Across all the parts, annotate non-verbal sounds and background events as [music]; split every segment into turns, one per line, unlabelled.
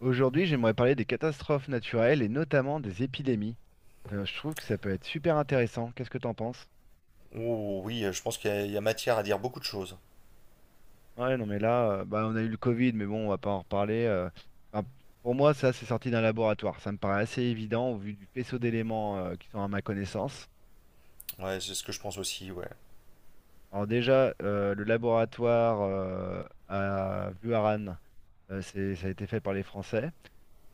Aujourd'hui, j'aimerais parler des catastrophes naturelles et notamment des épidémies. Je trouve que ça peut être super intéressant. Qu'est-ce que t'en penses?
Oh, oui, je pense qu'il y a matière à dire beaucoup de choses.
Ouais, non, mais là, bah, on a eu le Covid, mais bon, on va pas en reparler. Enfin, pour moi, ça, c'est sorti d'un laboratoire. Ça me paraît assez évident au vu du faisceau d'éléments qui sont à ma connaissance.
Ouais, c'est ce que je pense aussi, ouais.
Alors déjà, le laboratoire à Vuaran, ça a été fait par les Français.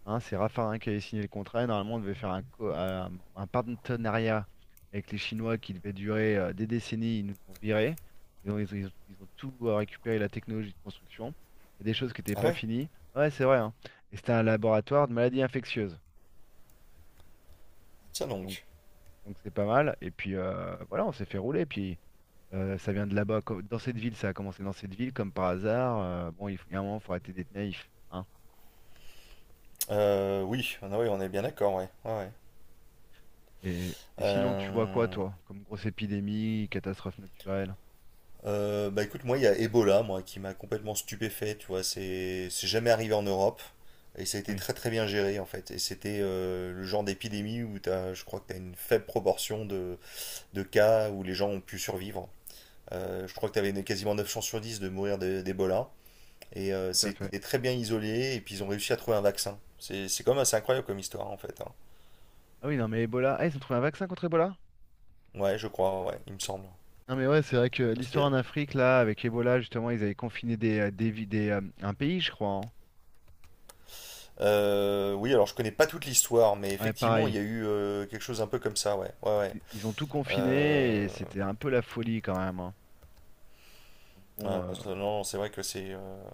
Hein, c'est Raffarin qui avait signé le contrat. Et normalement, on devait faire un partenariat avec les Chinois qui devait durer des décennies. Ils nous ont virés. Ils ont tout récupéré, la technologie de construction. Il y a des choses qui n'étaient
Ah
pas
ouais,
finies. Ouais, c'est vrai, hein. Et c'était un laboratoire de maladies infectieuses.
tiens
Donc,
donc.
donc c'est pas mal. Et puis, voilà, on s'est fait rouler. Puis, ça vient de là-bas. Dans cette ville, ça a commencé dans cette ville, comme par hasard. Bon, il faut, il y a un moment, il faut arrêter d'être naïf, hein.
Oui, ah ouais, on est bien d'accord, ouais. Ouais, ouais.
Et sinon, tu vois quoi,
Euh,
toi, comme grosse épidémie, catastrophe naturelle?
bah écoute, moi, il y a Ebola, moi, qui m'a complètement stupéfait, tu vois. C'est jamais arrivé en Europe. Et ça a été
Oui,
très très bien géré en fait. Et c'était le genre d'épidémie où t'as, je crois que tu as une faible proportion de cas où les gens ont pu survivre. Je crois que tu avais quasiment 9 chances sur 10 de mourir d'Ebola. Et
tout à fait.
c'était très bien isolé, et puis ils ont réussi à trouver un vaccin. C'est quand même assez incroyable comme histoire, en fait, hein.
Ah oui, non, mais Ebola. Ah, ils ont trouvé un vaccin contre Ebola?
Ouais, je crois, ouais, il me semble.
Non, mais ouais, c'est vrai que
Parce que,
l'histoire en Afrique, là, avec Ebola, justement, ils avaient confiné un pays, je crois, hein.
oui, alors je connais pas toute l'histoire, mais
Ouais,
effectivement, il
pareil.
y a eu quelque chose un peu comme ça, ouais, ouais, ouais.
Ils ont tout
Euh,
confiné et c'était un peu la folie quand même, hein. Donc
ouais,
bon,
non,
bah,
non, c'est vrai que c'est.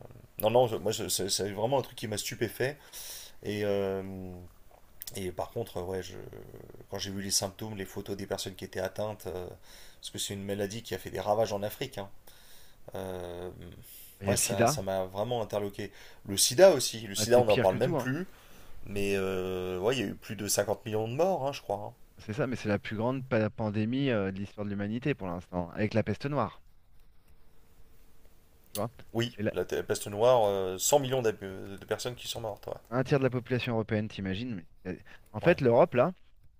Non, non, moi, c'est vraiment un truc qui m'a stupéfait. Et, euh, et par contre, ouais, je... quand j'ai vu les symptômes, les photos des personnes qui étaient atteintes, parce que c'est une maladie qui a fait des ravages en Afrique, hein. Euh,
il y a
ouais,
le
ça, ça
sida.
m'a vraiment interloqué. Le sida aussi. Le
Ah,
sida,
c'est
on n'en
pire que
parle même
tout, hein.
plus. Mais ouais, il y a eu plus de 50 millions de morts, hein, je crois, hein.
C'est ça, mais c'est la plus grande pandémie de l'histoire de l'humanité pour l'instant, avec la peste noire, tu vois.
Oui,
Et là,
la peste noire, 100 millions de personnes qui sont mortes. Ouais.
un tiers de la population européenne, t'imagines? c'est- En
Ouais.
fait, l'Europe, là,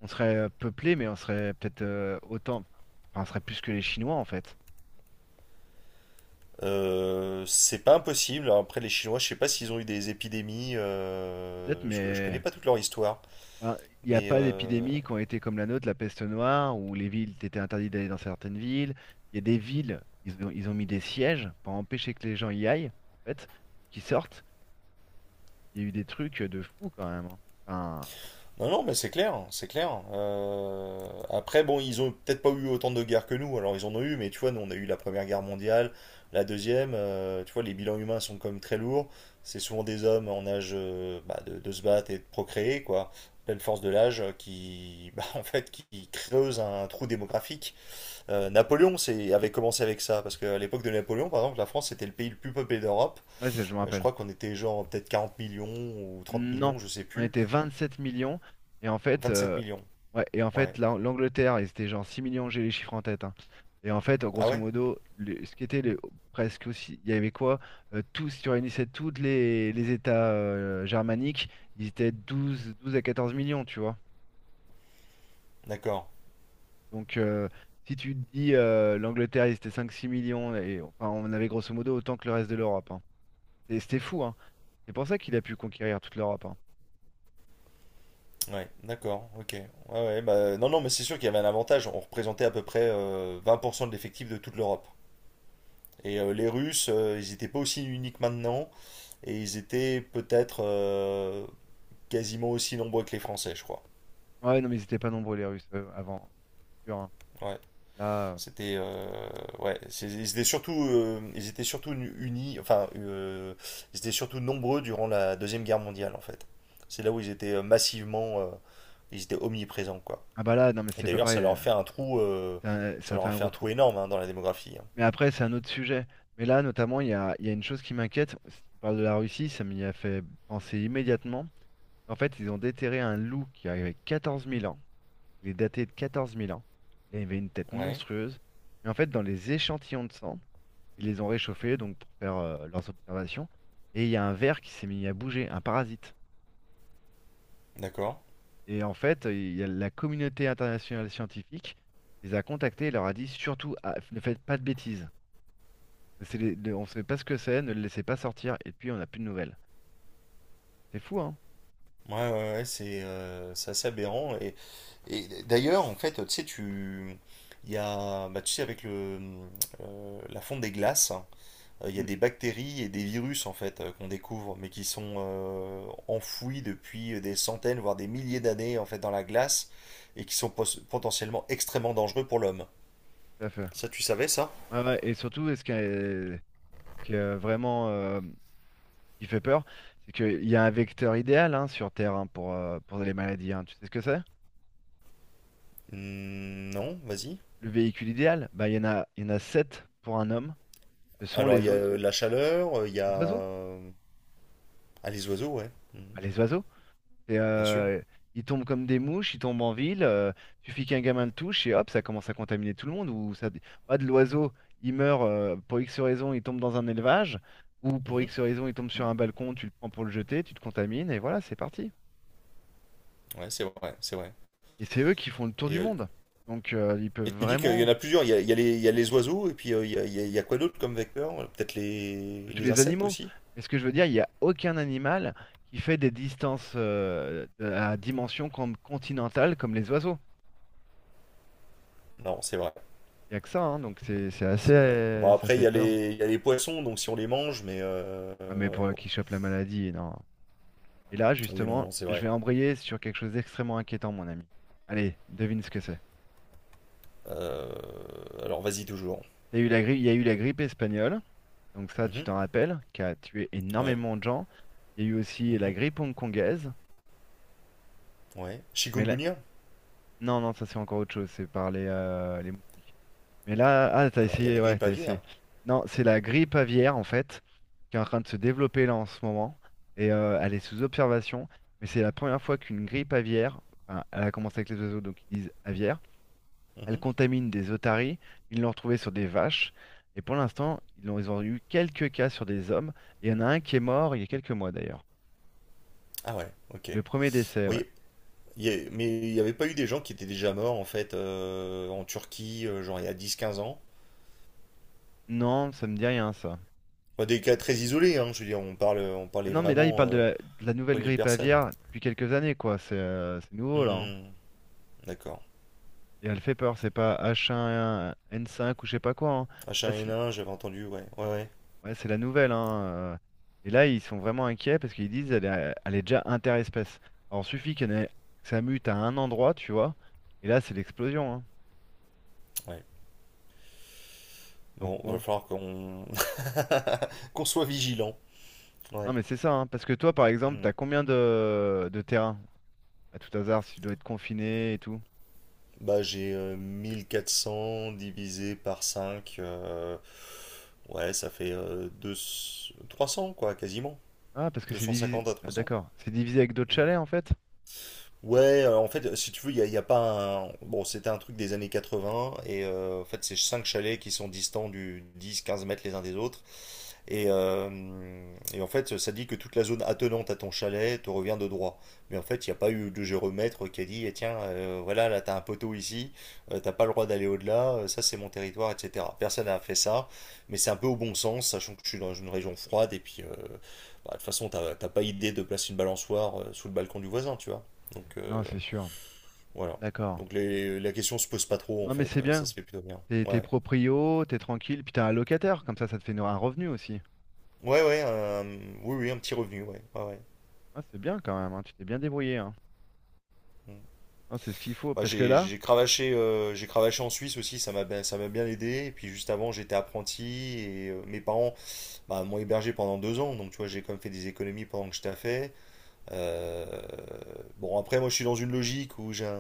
on serait peuplé, mais on serait peut-être autant. Enfin, on serait plus que les Chinois, en fait.
C'est pas impossible. Après, les Chinois, je sais pas s'ils ont eu des épidémies,
Peut-être,
je connais
mais
pas toute leur histoire.
enfin, il n'y a
Mais
pas
euh,
d'épidémies qui ont été comme la nôtre, la peste noire, où les villes étaient interdites d'aller dans certaines villes. Il y a des villes, ils ont mis des sièges pour empêcher que les gens y aillent, en fait, ou qu'ils sortent. Il y a eu des trucs de fou quand même, hein. Enfin,
Non, non, mais c'est clair, c'est clair. Après, bon, ils ont peut-être pas eu autant de guerres que nous, alors ils en ont eu, mais tu vois, nous on a eu la Première Guerre mondiale, la Deuxième, tu vois, les bilans humains sont quand même très lourds. C'est souvent des hommes en âge bah, de se battre et de procréer, quoi, pleine force de l'âge, [laughs] bah, en fait, qui creuse un trou démographique. Napoléon avait commencé avec ça, parce qu'à l'époque de Napoléon, par exemple, la France était le pays le plus peuplé d'Europe.
ouais, ça, je me
Je
rappelle.
crois qu'on était genre peut-être 40 millions ou 30
Non,
millions, je sais
on
plus.
était 27 millions. Et en fait,
27 millions.
ouais, et en
Ouais.
fait l'Angleterre, ils étaient genre 6 millions, j'ai les chiffres en tête, hein. Et en fait,
Ah
grosso
ouais?
modo, ce qui était presque aussi, il y avait quoi? Tous, si tu réunissais tous les États germaniques, ils étaient douze à 14 millions, tu vois.
D'accord.
Donc, si tu te dis l'Angleterre, ils étaient 5-6 millions, et enfin, on avait grosso modo autant que le reste de l'Europe, hein. Et c'était fou, hein. C'est pour ça qu'il a pu conquérir toute l'Europe, hein.
Ouais, d'accord, ok. Ouais, ouais, bah, non, non, mais c'est sûr qu'il y avait un avantage. On représentait à peu près 20% de l'effectif de toute l'Europe. Et les Russes, ils n'étaient pas aussi uniques maintenant, et ils étaient peut-être quasiment aussi nombreux que les Français, je crois.
Ouais, non, mais ils n'étaient pas nombreux, les Russes, avant. Sûr, hein.
Ouais,
Là,
c'était, ouais, ils étaient surtout unis, enfin, ils étaient surtout nombreux durant la Deuxième Guerre mondiale, en fait. C'est là où ils étaient massivement, ils étaient omniprésents, quoi.
ah bah là, non mais
Et
c'est pas
d'ailleurs, ça
pareil,
leur a
là.
fait
Ça fait un gros
un
trou.
trou énorme hein, dans la démographie, hein.
Mais après, c'est un autre sujet. Mais là, notamment, il y a une chose qui m'inquiète. Si tu parles de la Russie, ça m'y a fait penser immédiatement. En fait, ils ont déterré un loup qui avait 14 000 ans. Il est daté de 14 000 ans. Il avait une tête
Ouais,
monstrueuse. Mais en fait, dans les échantillons de sang, ils les ont réchauffés donc pour faire leurs observations. Et il y a un ver qui s'est mis à bouger, un parasite.
d'accord.
Et en fait, il y a la communauté internationale scientifique les a contactés et leur a dit surtout, ah, ne faites pas de bêtises. On ne sait pas ce que c'est, ne le laissez pas sortir. Et puis, on n'a plus de nouvelles. C'est fou, hein?
Ouais, ouais, ouais, c'est assez aberrant. Et d'ailleurs, en fait, tu sais, tu. Il y a. Bah, tu sais, avec la fonte des glaces, hein, il y a
Mm,
des bactéries et des virus, en fait, qu'on découvre, mais qui sont enfouis depuis des centaines, voire des milliers d'années, en fait, dans la glace, et qui sont potentiellement extrêmement dangereux pour l'homme.
tout à fait.
Ça, tu savais ça?
Ouais, ouais, et surtout, et ce qui est vraiment qui fait peur, c'est qu'il y a un vecteur idéal, hein, sur Terre, hein, pour les maladies, hein. Tu sais ce que c'est?
Hmm, non, vas-y.
Le véhicule idéal, bah, il y en a 7 pour un homme. Ce sont
Alors, il
les
y a
oiseaux.
la chaleur, il y a.
Les oiseaux?
Ah, les oiseaux, ouais. Mhm.
Bah, les oiseaux. Et,
Bien sûr.
euh, ils tombent comme des mouches, ils tombent en ville. Suffit qu'un gamin le touche et hop, ça commence à contaminer tout le monde. Ou ça, ah, de l'oiseau, il meurt pour X raison, il tombe dans un élevage. Ou pour
Mhm.
X raison, il tombe sur un balcon, tu le prends pour le jeter, tu te contamines et voilà, c'est parti.
Ouais, c'est vrai, c'est vrai.
Et c'est eux qui font le tour
Et,
du
euh,
monde. Donc ils
et
peuvent
tu dis qu'il y en
vraiment.
a plusieurs. Il y a les oiseaux, et puis il y a quoi d'autre comme vecteur? Peut-être les,
Tous
les
les
insectes
animaux.
aussi?
Mais ce que je veux dire, il n'y a aucun animal qui fait des distances à dimension continentale comme les oiseaux.
Non, c'est vrai.
Il n'y a que ça, hein, donc c'est
C'est vrai.
assez.
Bon,
Ça
après, il
fait
y a
peur.
les, il y a les poissons, donc si on les mange, mais
Ah, mais
ouais,
pour
bon.
qui chope la maladie, non. Et là,
Oui, non,
justement,
non, c'est
je
vrai.
vais embrayer sur quelque chose d'extrêmement inquiétant, mon ami. Allez, devine ce que c'est.
Alors, vas-y, toujours.
T'as eu la grippe, il y a eu la grippe espagnole, donc ça, tu
Mhm.
t'en rappelles, qui a tué
Ouais.
énormément de gens. Il y a eu aussi la
Mhm.
grippe hongkongaise,
Ouais.
mais là,
Chikungunya?
non, non, ça c'est encore autre chose, c'est par les moustiques. Mais là, ah, t'as
Alors, il y a la
essayé, ouais,
grippe
t'as essayé.
aviaire.
Non, c'est la grippe aviaire, en fait, qui est en train de se développer là en ce moment. Et elle est sous observation. Mais c'est la première fois qu'une grippe aviaire, enfin, elle a commencé avec les oiseaux, donc ils disent aviaire, elle
Mhm.
contamine des otaries. Ils l'ont retrouvée sur des vaches. Et pour l'instant, ils ont eu quelques cas sur des hommes. Et il y en a un qui est mort il y a quelques mois d'ailleurs.
Ah, ouais, ok.
Le premier décès, ouais.
Oui, mais il n'y avait pas eu des gens qui étaient déjà morts en fait en Turquie, genre il y a 10-15 ans.
Non, ça me dit rien, ça.
Enfin, des cas très isolés, hein, je veux dire, on
Ah
parlait
non, mais là, il
vraiment
parle de la nouvelle
poignée de
grippe
personnes.
aviaire depuis quelques années, quoi. C'est nouveau, là, hein.
Hmm, d'accord.
Et elle fait peur, c'est pas H1N5 ou je sais pas quoi, hein. Là, c'est
H1N1, j'avais entendu, ouais, ouais, ouais,
ouais, c'est la nouvelle, hein, euh. Et là, ils sont vraiment inquiets parce qu'ils disent elle est déjà interespèce. Alors, suffit que ça mute à un endroit, tu vois. Et là, c'est l'explosion, hein.
ouais.
Donc,
Bon, va
bon.
falloir qu'on [laughs] qu'on soit vigilant.
Non,
Ouais.
mais c'est ça, hein. Parce que toi, par exemple,
Hmm.
t'as combien de terrains à tout hasard si tu dois être confiné et tout?
Bah, j'ai 1 400 divisé par 5, ouais, ça fait 300 quoi, quasiment.
Ah, parce que
deux
c'est
cent
divisé.
cinquante à
Ah,
trois cents
d'accord. C'est divisé avec d'autres
Hmm.
chalets, en fait?
Ouais, en fait, si tu veux, il y a pas un... Bon, c'était un truc des années 80, et en fait, c'est cinq chalets qui sont distants du 10-15 mètres les uns des autres, et, euh, et en fait, ça dit que toute la zone attenante à ton chalet te revient de droit. Mais en fait, il n'y a pas eu de géomètre qui a dit, eh tiens, voilà, là, t'as un poteau ici, t'as pas le droit d'aller au-delà, ça, c'est mon territoire, etc. Personne n'a fait ça, mais c'est un peu au bon sens, sachant que je suis dans une région froide, et puis, bah, de toute façon, t'as pas idée de placer une balançoire sous le balcon du voisin, tu vois. Donc,
Non, c'est sûr.
voilà.
D'accord.
Donc, la question se pose pas trop, en
Non, mais
fait,
c'est
ça
bien.
se fait plutôt bien.
T'es
Ouais.
proprio, t'es tranquille, puis t'as un locataire, comme ça ça te fait un revenu aussi.
Ouais, ouais, oui, oui, un petit revenu, ouais. Ouais, ouais.
Ah, c'est bien quand même, hein, tu t'es bien débrouillé, hein.
Mm.
Ah, c'est ce qu'il faut,
Ouais,
parce que
j'ai
là,
j'ai cravaché, euh, j'ai cravaché en Suisse aussi, ça m'a bien aidé. Et puis juste avant, j'étais apprenti et mes parents bah, m'ont hébergé pendant 2 ans. Donc tu vois, j'ai quand même fait des économies pendant que je taffais. Euh, bon, après, moi je suis dans une logique où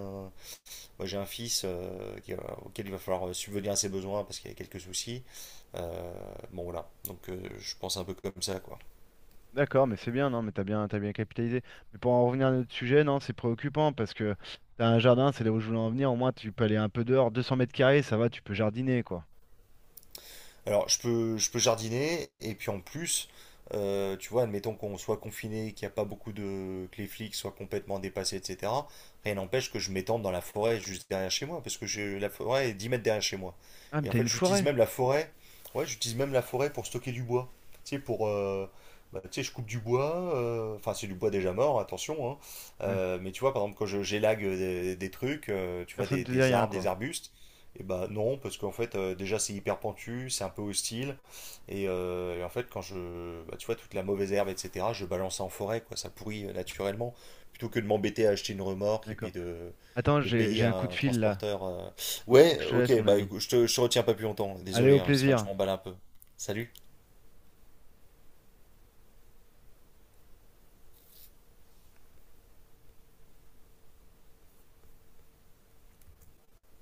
moi, j'ai un fils auquel il va falloir subvenir à ses besoins parce qu'il y a quelques soucis. Euh, bon, voilà. Donc je pense un peu comme ça, quoi.
d'accord, mais c'est bien, non, mais t'as bien capitalisé. Mais pour en revenir à notre sujet, non, c'est préoccupant, parce que t'as un jardin, c'est là où je voulais en venir, au moins tu peux aller un peu dehors, 200 mètres carrés, ça va, tu peux jardiner, quoi.
Alors, je peux jardiner, et puis en plus, tu vois, admettons qu'on soit confiné, qu'il n'y a pas beaucoup de... que les flics soient complètement dépassés, etc. Rien n'empêche que je m'étende dans la forêt juste derrière chez moi, parce que j'ai la forêt est 10 mètres derrière chez moi.
Ah, mais
Et en
t'as
fait,
une
j'utilise
forêt?
même la forêt, ouais, j'utilise même la forêt pour stocker du bois. Tu sais, pour... bah, tu sais, je coupe du bois, enfin c'est du bois déjà mort, attention, hein.
Ouais,
Mais tu vois, par exemple, j'élague des trucs, tu vois,
personne
des,
te dit
des
rien,
arbres, des
quoi.
arbustes, et bah non, parce qu'en fait, déjà c'est hyper pentu, c'est un peu hostile. Et en fait, quand je. Bah, tu vois, toute la mauvaise herbe, etc., je balance ça en forêt, quoi, ça pourrit naturellement. Plutôt que de m'embêter à acheter une remorque et
D'accord.
puis de,
Attends,
de
j'ai
payer
j'ai un coup de
un
fil là,
transporteur.
faut que
Ouais,
je te laisse,
ok,
mon
bah
ami.
écoute, je te retiens pas plus longtemps,
Allez,
désolé,
au
hein, c'est vrai que je
plaisir.
m'emballe un peu. Salut!